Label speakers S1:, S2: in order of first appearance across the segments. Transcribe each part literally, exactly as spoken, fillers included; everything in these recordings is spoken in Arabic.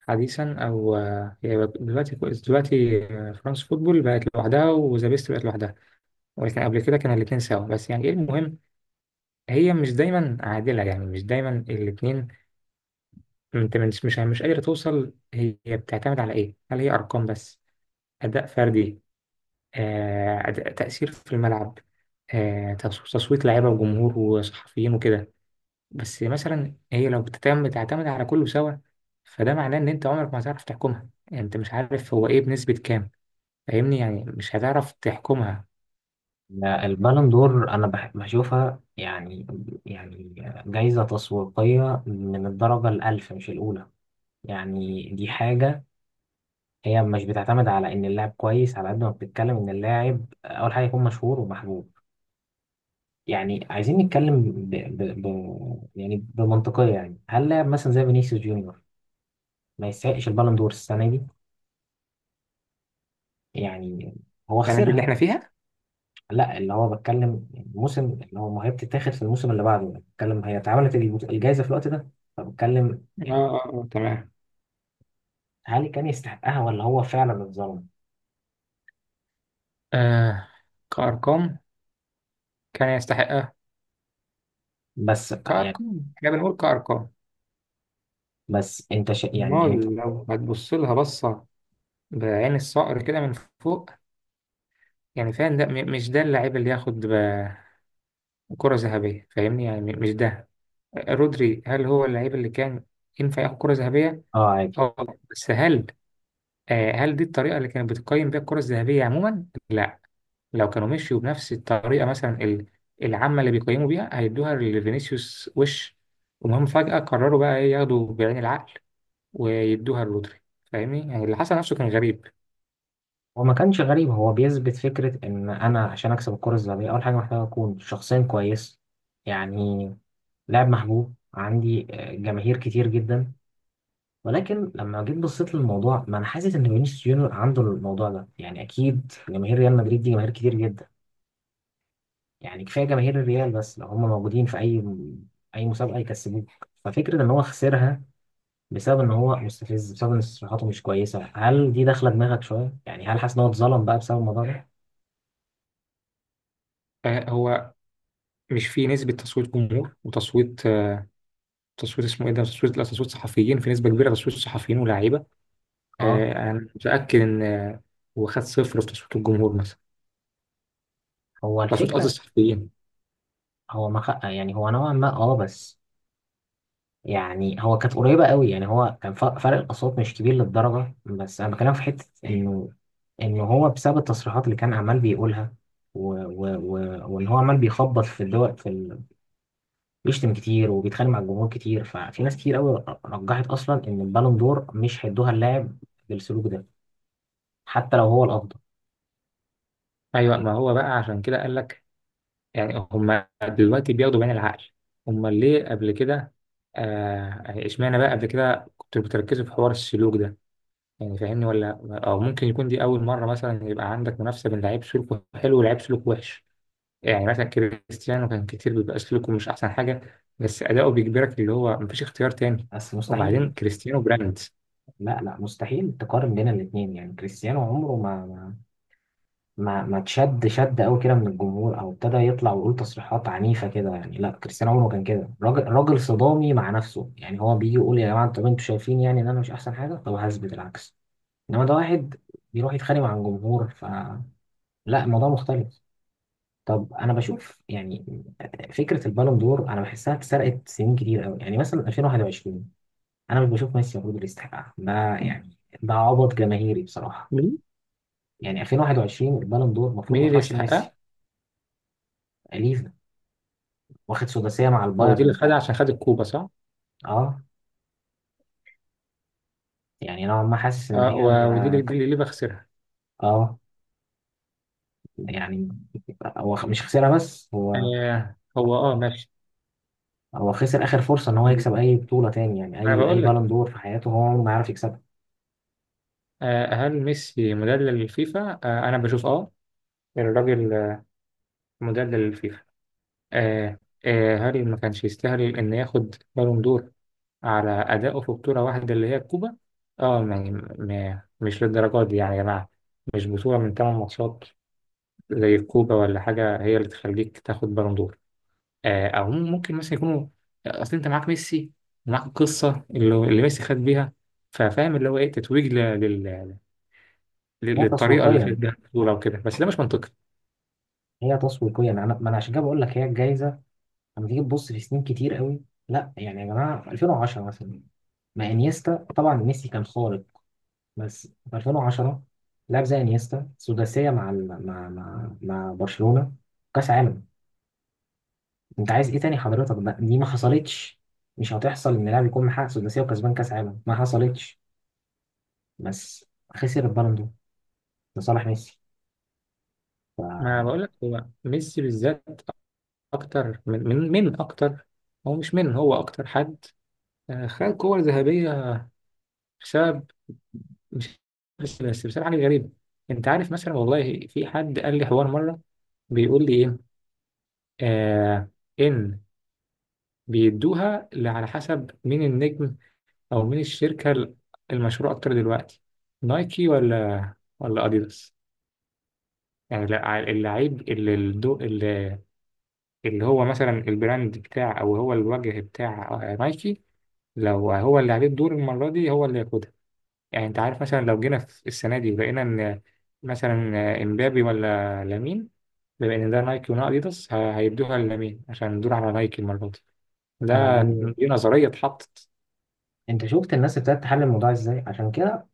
S1: حديثا او آه، هي دلوقتي دلوقتي آه، فرانس فوتبول بقت لوحدها وذا بيست بقت لوحدها. ولكن قبل كده كان الاثنين سوا، بس يعني ايه المهم، هي مش دايما عادله، يعني مش دايما الاثنين. انت مش مش مش قادره توصل، هي بتعتمد على ايه؟ هل هي ارقام بس؟ اداء فردي؟ آه أداء، تاثير في الملعب؟ آه تص- تصويت لعيبه وجمهور وصحفيين وكده؟ بس مثلا هي لو بتعتمد تعتمد على كله سوا، فده معناه ان انت عمرك ما هتعرف تحكمها. يعني انت مش عارف هو ايه بنسبه كام. فاهمني؟ يعني مش هتعرف تحكمها.
S2: البالون دور انا بح- بشوفها يعني يعني جايزة تسويقية من الدرجة الألف مش الأولى. يعني دي حاجة. هي مش بتعتمد على إن اللاعب كويس على قد ما بتتكلم إن اللاعب أول حاجة يكون مشهور ومحبوب. يعني عايزين نتكلم ب... ب... ب... يعني بمنطقية. يعني هل لاعب مثلا زي فينيسيوس جونيور ما يستحقش البالون دور السنة دي؟ يعني هو
S1: يعني دي اللي
S2: خسرها.
S1: احنا فيها.
S2: لا، اللي هو بتكلم الموسم، اللي هو ما هي بتتاخد في الموسم اللي بعده، بتكلم هي اتعملت الجائزة في الوقت ده، فبتكلم
S1: اه
S2: يعني
S1: اه اه تمام.
S2: هل كان يستحقها ولا هو فعلا اتظلم.
S1: آه، كأرقام كان يستحقها.
S2: بس يعني،
S1: كأرقام، احنا بنقول كأرقام.
S2: بس انت ش... يعني انت.
S1: امال لو هتبص لها بصة بعين الصقر كده من فوق، يعني فاهم؟ ده م- مش ده اللاعب اللي ياخد ب- كرة ذهبية؟ فاهمني؟ يعني م- مش ده. رودري، هل هو اللاعب اللي كان ينفع ياخد كرة ذهبية؟
S2: اه، عادي.
S1: اه، بس هل آه، هل دي الطريقة اللي كانت بتقيم بيها الكرة الذهبية عموما؟ لا. لو كانوا مشيوا بنفس الطريقة مثلا ال- العامة اللي بيقيموا بيها، هيدوها لفينيسيوس. وش، وهم فجأة قرروا بقى إيه، ياخدوا بعين العقل ويدوها لرودري. فاهمني؟ يعني اللي حصل نفسه كان غريب.
S2: هو ما كانش غريب، هو بيثبت فكرة ان انا عشان اكسب الكرة الذهبية اول حاجة محتاج اكون شخصيا كويس، يعني لاعب محبوب عندي، آه، جماهير كتير جدا. ولكن لما جيت بصيت للموضوع، ما انا حاسس ان فينيسيوس جونيور عنده الموضوع ده. يعني اكيد جماهير ريال مدريد دي جماهير كتير جدا، يعني كفايه جماهير الريال بس لو هم موجودين في اي اي مسابقه يكسبوك. ففكره ان هو خسرها بسبب ان هو مستفز، بسبب ان تصريحاته مش كويسه، هل دي داخله دماغك شويه؟ يعني هل حاسس ان هو اتظلم بقى بسبب الموضوع ده؟
S1: آه، هو مش في نسبة تصويت جمهور وتصويت آه، تصويت، اسمه إيه ده؟ تصويت، لا، تصويت صحفيين، في نسبة كبيرة تصويت صحفيين ولاعيبة.
S2: اه،
S1: آه، أنا متأكد إن آه، هو خد صفر في تصويت الجمهور مثلا.
S2: هو
S1: تصويت قصدي
S2: الفكره.
S1: الصحفيين.
S2: هو ما خ... يعني هو نوعا ما، اه، بس يعني هو كانت قريبة قوي. يعني هو كان ف- فرق الأصوات مش كبير للدرجة. بس أنا بكلم في حتة إنه إنه هو بسبب التصريحات اللي كان عمال بيقولها، و... و... و... وإن هو عمال بيخبط في الدول، في ال... بيشتم كتير وبيتخانق مع الجمهور كتير، ففي ناس كتير قوي رجحت أصلا إن البالون دور مش هيدوها اللاعب بالسلوك ده، حتى لو هو الأفضل.
S1: أيوه، ما هو بقى عشان كده قال لك يعني هم دلوقتي بياخدوا بعين العقل. هم ليه قبل كده؟ آه، يعني اشمعنى بقى قبل كده كنتوا بتركزوا في حوار السلوك ده؟ يعني فاهمني ولا؟ او ممكن يكون دي اول مره مثلا يبقى عندك منافسه بين لعيب سلوكه حلو ولعيب سلوكه وحش. يعني مثلا كريستيانو كان كتير بيبقى سلوكه مش احسن حاجه، بس اداؤه بيجبرك، اللي هو مفيش اختيار تاني.
S2: بس مستحيل.
S1: وبعدين كريستيانو براند.
S2: لا، لا، مستحيل تقارن بين الاتنين. يعني كريستيانو عمره ما ما ما تشد شد قوي كده من الجمهور، او ابتدى يطلع ويقول تصريحات عنيفه كده. يعني لا، كريستيانو عمره ما كان كده، راجل، راجل صدامي مع نفسه. يعني هو بيجي يقول يا جماعه طب انتوا شايفين يعني ان انا مش احسن حاجه، طب هثبت العكس. انما ده واحد بيروح يتخانق مع الجمهور، فلا، الموضوع مختلف. طب انا بشوف يعني فكره البالون دور انا بحسها اتسرقت سنين كتير قوي. يعني مثلا ألفين وواحد وعشرين انا مش بشوف ميسي المفروض اللي يستحقها، ده يعني ده عبط جماهيري بصراحه.
S1: مين؟
S2: يعني ألفين وواحد وعشرين البالون دور المفروض ما
S1: مين اللي
S2: تروحش لميسي.
S1: يستحقها؟
S2: ليه؟ واخد سداسية مع
S1: هو دي اللي
S2: البايرن
S1: خدها
S2: بتاع.
S1: عشان خد الكوبا، صح؟
S2: اه. يعني نوعا ما حاسس ان
S1: آه،
S2: هي
S1: و- ودي
S2: ما
S1: اللي دي
S2: ك-
S1: اللي ليفا خسرها.
S2: اه، يعني هو خ- مش خسرها بس هو،
S1: آه، هو اه ماشي.
S2: هو خسر اخر فرصة ان هو يكسب
S1: ما
S2: اي بطولة تاني. يعني
S1: انا
S2: اي
S1: بقول
S2: اي
S1: لك
S2: بالون دور في حياته هو عمره ما يعرف يكسبها.
S1: آه، هل ميسي مدلل للفيفا؟ آه، أنا بشوف أه، الراجل آه، مدلل للفيفا. آه، آه، هل ما كانش يستاهل إن ياخد بالون دور على أدائه في بطولة واحدة اللي هي الكوبا؟ أه يعني م- مش للدرجة دي يعني يا جماعة. مش بطولة من تمن ماتشات زي الكوبا ولا حاجة هي اللي تخليك تاخد بالون دور. آه، أو ممكن مثلا يكونوا، أصل أنت معاك ميسي ومعاك القصة اللي اللي ميسي خد بيها، ففاهم اللي هو إيه، تتويج لل-
S2: هي
S1: للطريقه اللي خد
S2: تسويقيا
S1: بيها البطوله وكده. بس ده مش منطقي.
S2: هي تسويقيا انا، ما انا عشان كده بقول لك هي الجايزة. لما تيجي تبص في سنين كتير قوي، لا يعني يا جماعة، ألفين وعشرة مثلا، ما انيستا، طبعا ميسي كان خارق بس في ألفين وعشرة لاعب زي انيستا سداسية مع ال- مع مع مع برشلونة، كاس عالم، انت عايز ايه تاني حضرتك؟ ده دي ما حصلتش، مش هتحصل ان لاعب يكون محقق سداسيه وكسبان كاس عالم، ما حصلتش، بس خسر البالون دور لصالح ميسي.
S1: ما
S2: فانا
S1: بقول لك هو ميسي بالذات اكتر من من من اكتر. هو مش من، هو اكتر حد آه، خد كور ذهبيه بسبب، مش بس بس بسبب حاجه غريبه. انت عارف مثلا، والله في حد قال لي حوار مره، بيقول لي ايه آه، ان بيدوها ل- على حسب مين النجم او مين الشركه ال- المشهوره اكتر دلوقتي، نايكي ولا ولا اديداس. يعني لا، اللعيب اللي الدو... اللي هو مثلا البراند بتاع، او هو الوجه بتاع آه، نايكي، لو هو اللي عليه الدور المره دي هو اللي ياخدها. يعني انت عارف مثلا لو جينا في السنه دي لقينا ان مثلا آه، امبابي ولا لامين، بما ان ده نايكي وده اديداس، ه- هيدوها للامين عشان الدور على نايكي المره دي. ده،
S2: دي،
S1: دي نظريه اتحطت.
S2: انت شفت الناس ابتدت تحلل الموضوع ازاي؟ عشان كده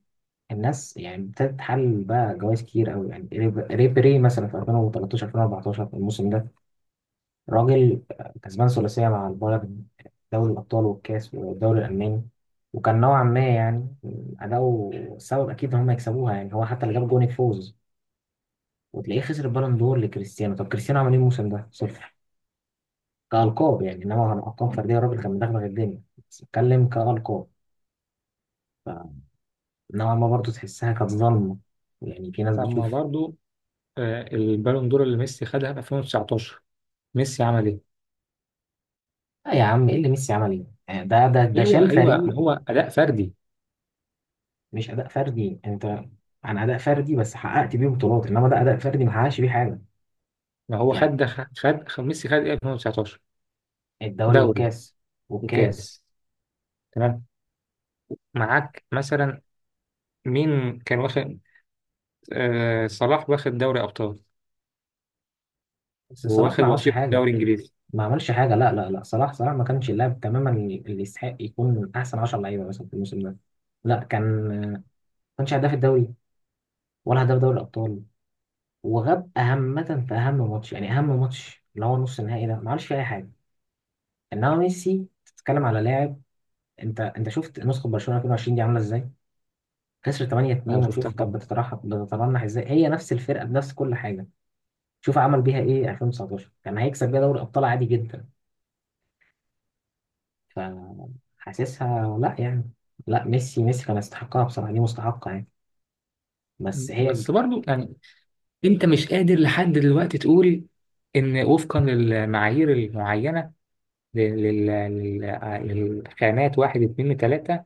S2: الناس يعني ابتدت تحلل بقى جوائز كتير قوي. يعني ريب- ريبيري مثلا في ألفين وتلتاشر ألفين واربعتاشر الموسم ده، راجل كسبان ثلاثيه مع البايرن، دوري الابطال والكاس والدوري الالماني، وكان نوعا ما يعني اداؤه سبب اكيد ان هم يكسبوها، يعني هو حتى اللي جاب جون الفوز، وتلاقيه خسر البالون دور لكريستيانو. طب كريستيانو عمل ايه الموسم ده؟ صفر كألقاب يعني، انما عن ألقاب فردية الراجل كان مدغدغ الدنيا، بس بتكلم كألقاب، فنوعا ما برضه تحسها كانت ظلمة. يعني في ناس
S1: لما
S2: بتشوف،
S1: برضو آه، البالون دور اللي ميسي خدها في ألفين وتسعطاشر، ميسي عمل ايه؟
S2: لا يا عم، ايه اللي ميسي عمل ايه؟ يعني ده ده ده شال
S1: ايوه ايوه، ما
S2: فريق،
S1: هو اداء فردي.
S2: مش أداء فردي، انت عن أداء فردي بس حققت بيه بطولات، انما ده أداء فردي ما حققش بيه حاجة
S1: ما هو خد
S2: يعني.
S1: ده. خد خد ميسي خد ايه في ألفين وتسعة عشر؟
S2: الدوري
S1: دوري
S2: والكاس والكاس.
S1: وكاس. تمام. معاك مثلا مين كان واخد؟ آه صلاح واخد دوري ابطال
S2: بس صلاح
S1: وواخد
S2: ما عملش
S1: وصيف
S2: حاجة،
S1: دوري انجليزي.
S2: ما عملش حاجه. لا، لا، لا، صلاح، صلاح ما كانش اللاعب تماما اللي يستحق يكون من احسن عشرة لعيبه مثلا في الموسم ده. لا كان، ما كانش هداف الدوري، ولا هداف دوري الابطال، وغاب اهمه في اهم ماتش، يعني اهم ماتش اللي هو نص النهائي ده ما عملش فيه اي حاجه. انما ميسي، تتكلم على لاعب، انت انت شفت نسخه برشلونه ألفين وعشرين دي عامله ازاي، خسر
S1: انا
S2: تمانية اتنين.
S1: شفتها
S2: وشوف كانت
S1: طبعا.
S2: بتترحم بتترنح ازاي، هي نفس الفرقه بنفس كل حاجه. شوف عمل بيها ايه ألفين وتسعتاشر، كان هيكسب بيها دوري ابطال عادي جدا. فحاسسها لا يعني، لا، ميسي، ميسي كان يستحقها بصراحة، دي مستحقة يعني، بس هي،
S1: بس برضو يعني انت مش قادر لحد دلوقتي تقول ان وفقا للمعايير المعينه لل- لل- لل- للخانات واحد اتنين تلاته،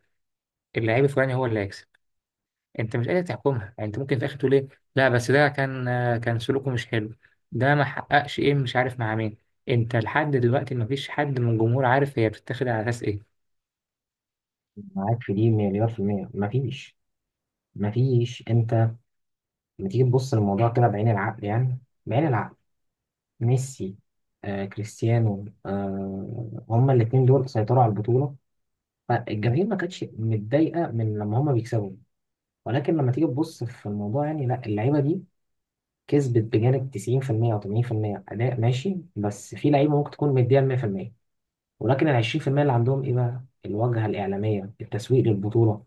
S1: اللعيب الفلاني هو اللي هيكسب. انت مش قادر تحكمها. يعني انت ممكن في الاخر تقول ايه، لا بس ده كان، كان سلوكه مش حلو، ده ما حققش ايه، مش عارف مع مين. انت لحد دلوقتي ما فيش حد من الجمهور عارف هي بتتاخد على اساس ايه.
S2: معاك في دي مليار في المية، مفيش مفيش انت لما تيجي تبص للموضوع كده بعين العقل، يعني بعين العقل، ميسي آه، كريستيانو آه، هما الاتنين دول سيطروا على البطولة، فالجماهير ما كانتش متضايقة من لما هما بيكسبوا. ولكن لما تيجي تبص في الموضوع يعني لا، اللعيبة دي كسبت بجانب تسعين في المية أو ثمانين في المية أداء ماشي، بس في لعيبة ممكن تكون مديها مئة في المية، ولكن ال عشرين في المية اللي عندهم ايه بقى؟ الواجهه الاعلاميه، التسويق للبطوله،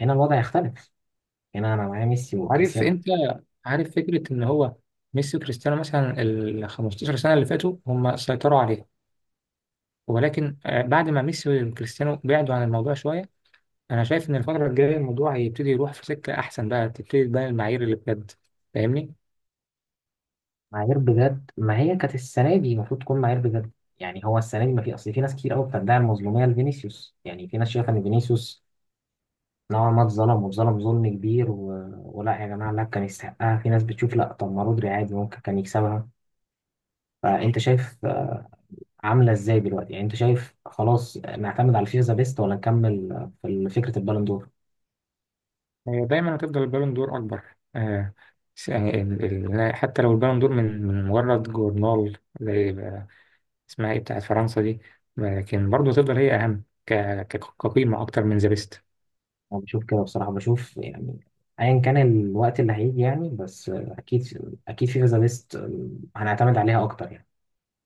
S2: هنا الوضع يختلف، هنا انا معايا ميسي
S1: عارف؟
S2: وكريستيانو.
S1: انت عارف فكرة ان هو ميسي وكريستيانو مثلا ال خمسة عشر سنة اللي فاتوا هم سيطروا عليها، ولكن آه، بعد ما ميسي وكريستيانو بعدوا عن الموضوع شوية، انا شايف ان الفترة الجاية الموضوع هيبتدي يروح في سكة احسن، بقى تبتدي تبان المعايير اللي بجد. فاهمني؟
S2: معايير بجد، ما هي كانت السنه دي المفروض تكون معايير بجد. يعني هو السنه دي ما في، اصل في ناس كتير قوي بتدعي المظلوميه لفينيسيوس، يعني في ناس شايفه ان فينيسيوس نوعا ما اتظلم، واتظلم ظلم كبير، و... ولا يا جماعه لا، كان يستحقها. في ناس بتشوف لا، طب ما رودري عادي ممكن كان يكسبها. فانت شايف آه، عامله ازاي دلوقتي؟ يعني انت شايف خلاص آه، نعتمد على الفيفا ذا بيست ولا نكمل آه، في فكره البالون دور؟
S1: هي دايما هتفضل البالون دور أكبر. آه، س- يعني ال- ال- حتى لو البالون دور من من مجرد جورنال زي ب- اسمها إيه بتاعت فرنسا دي، لكن برضه هتفضل هي أهم ك- ك- كقيمة أكتر من ذا بيست.
S2: انا بشوف كده بصراحه، بشوف يعني ايا كان الوقت اللي هيجي، يعني بس آه، اكيد اكيد فيفا ذا بيست هنعتمد عليها اكتر يعني.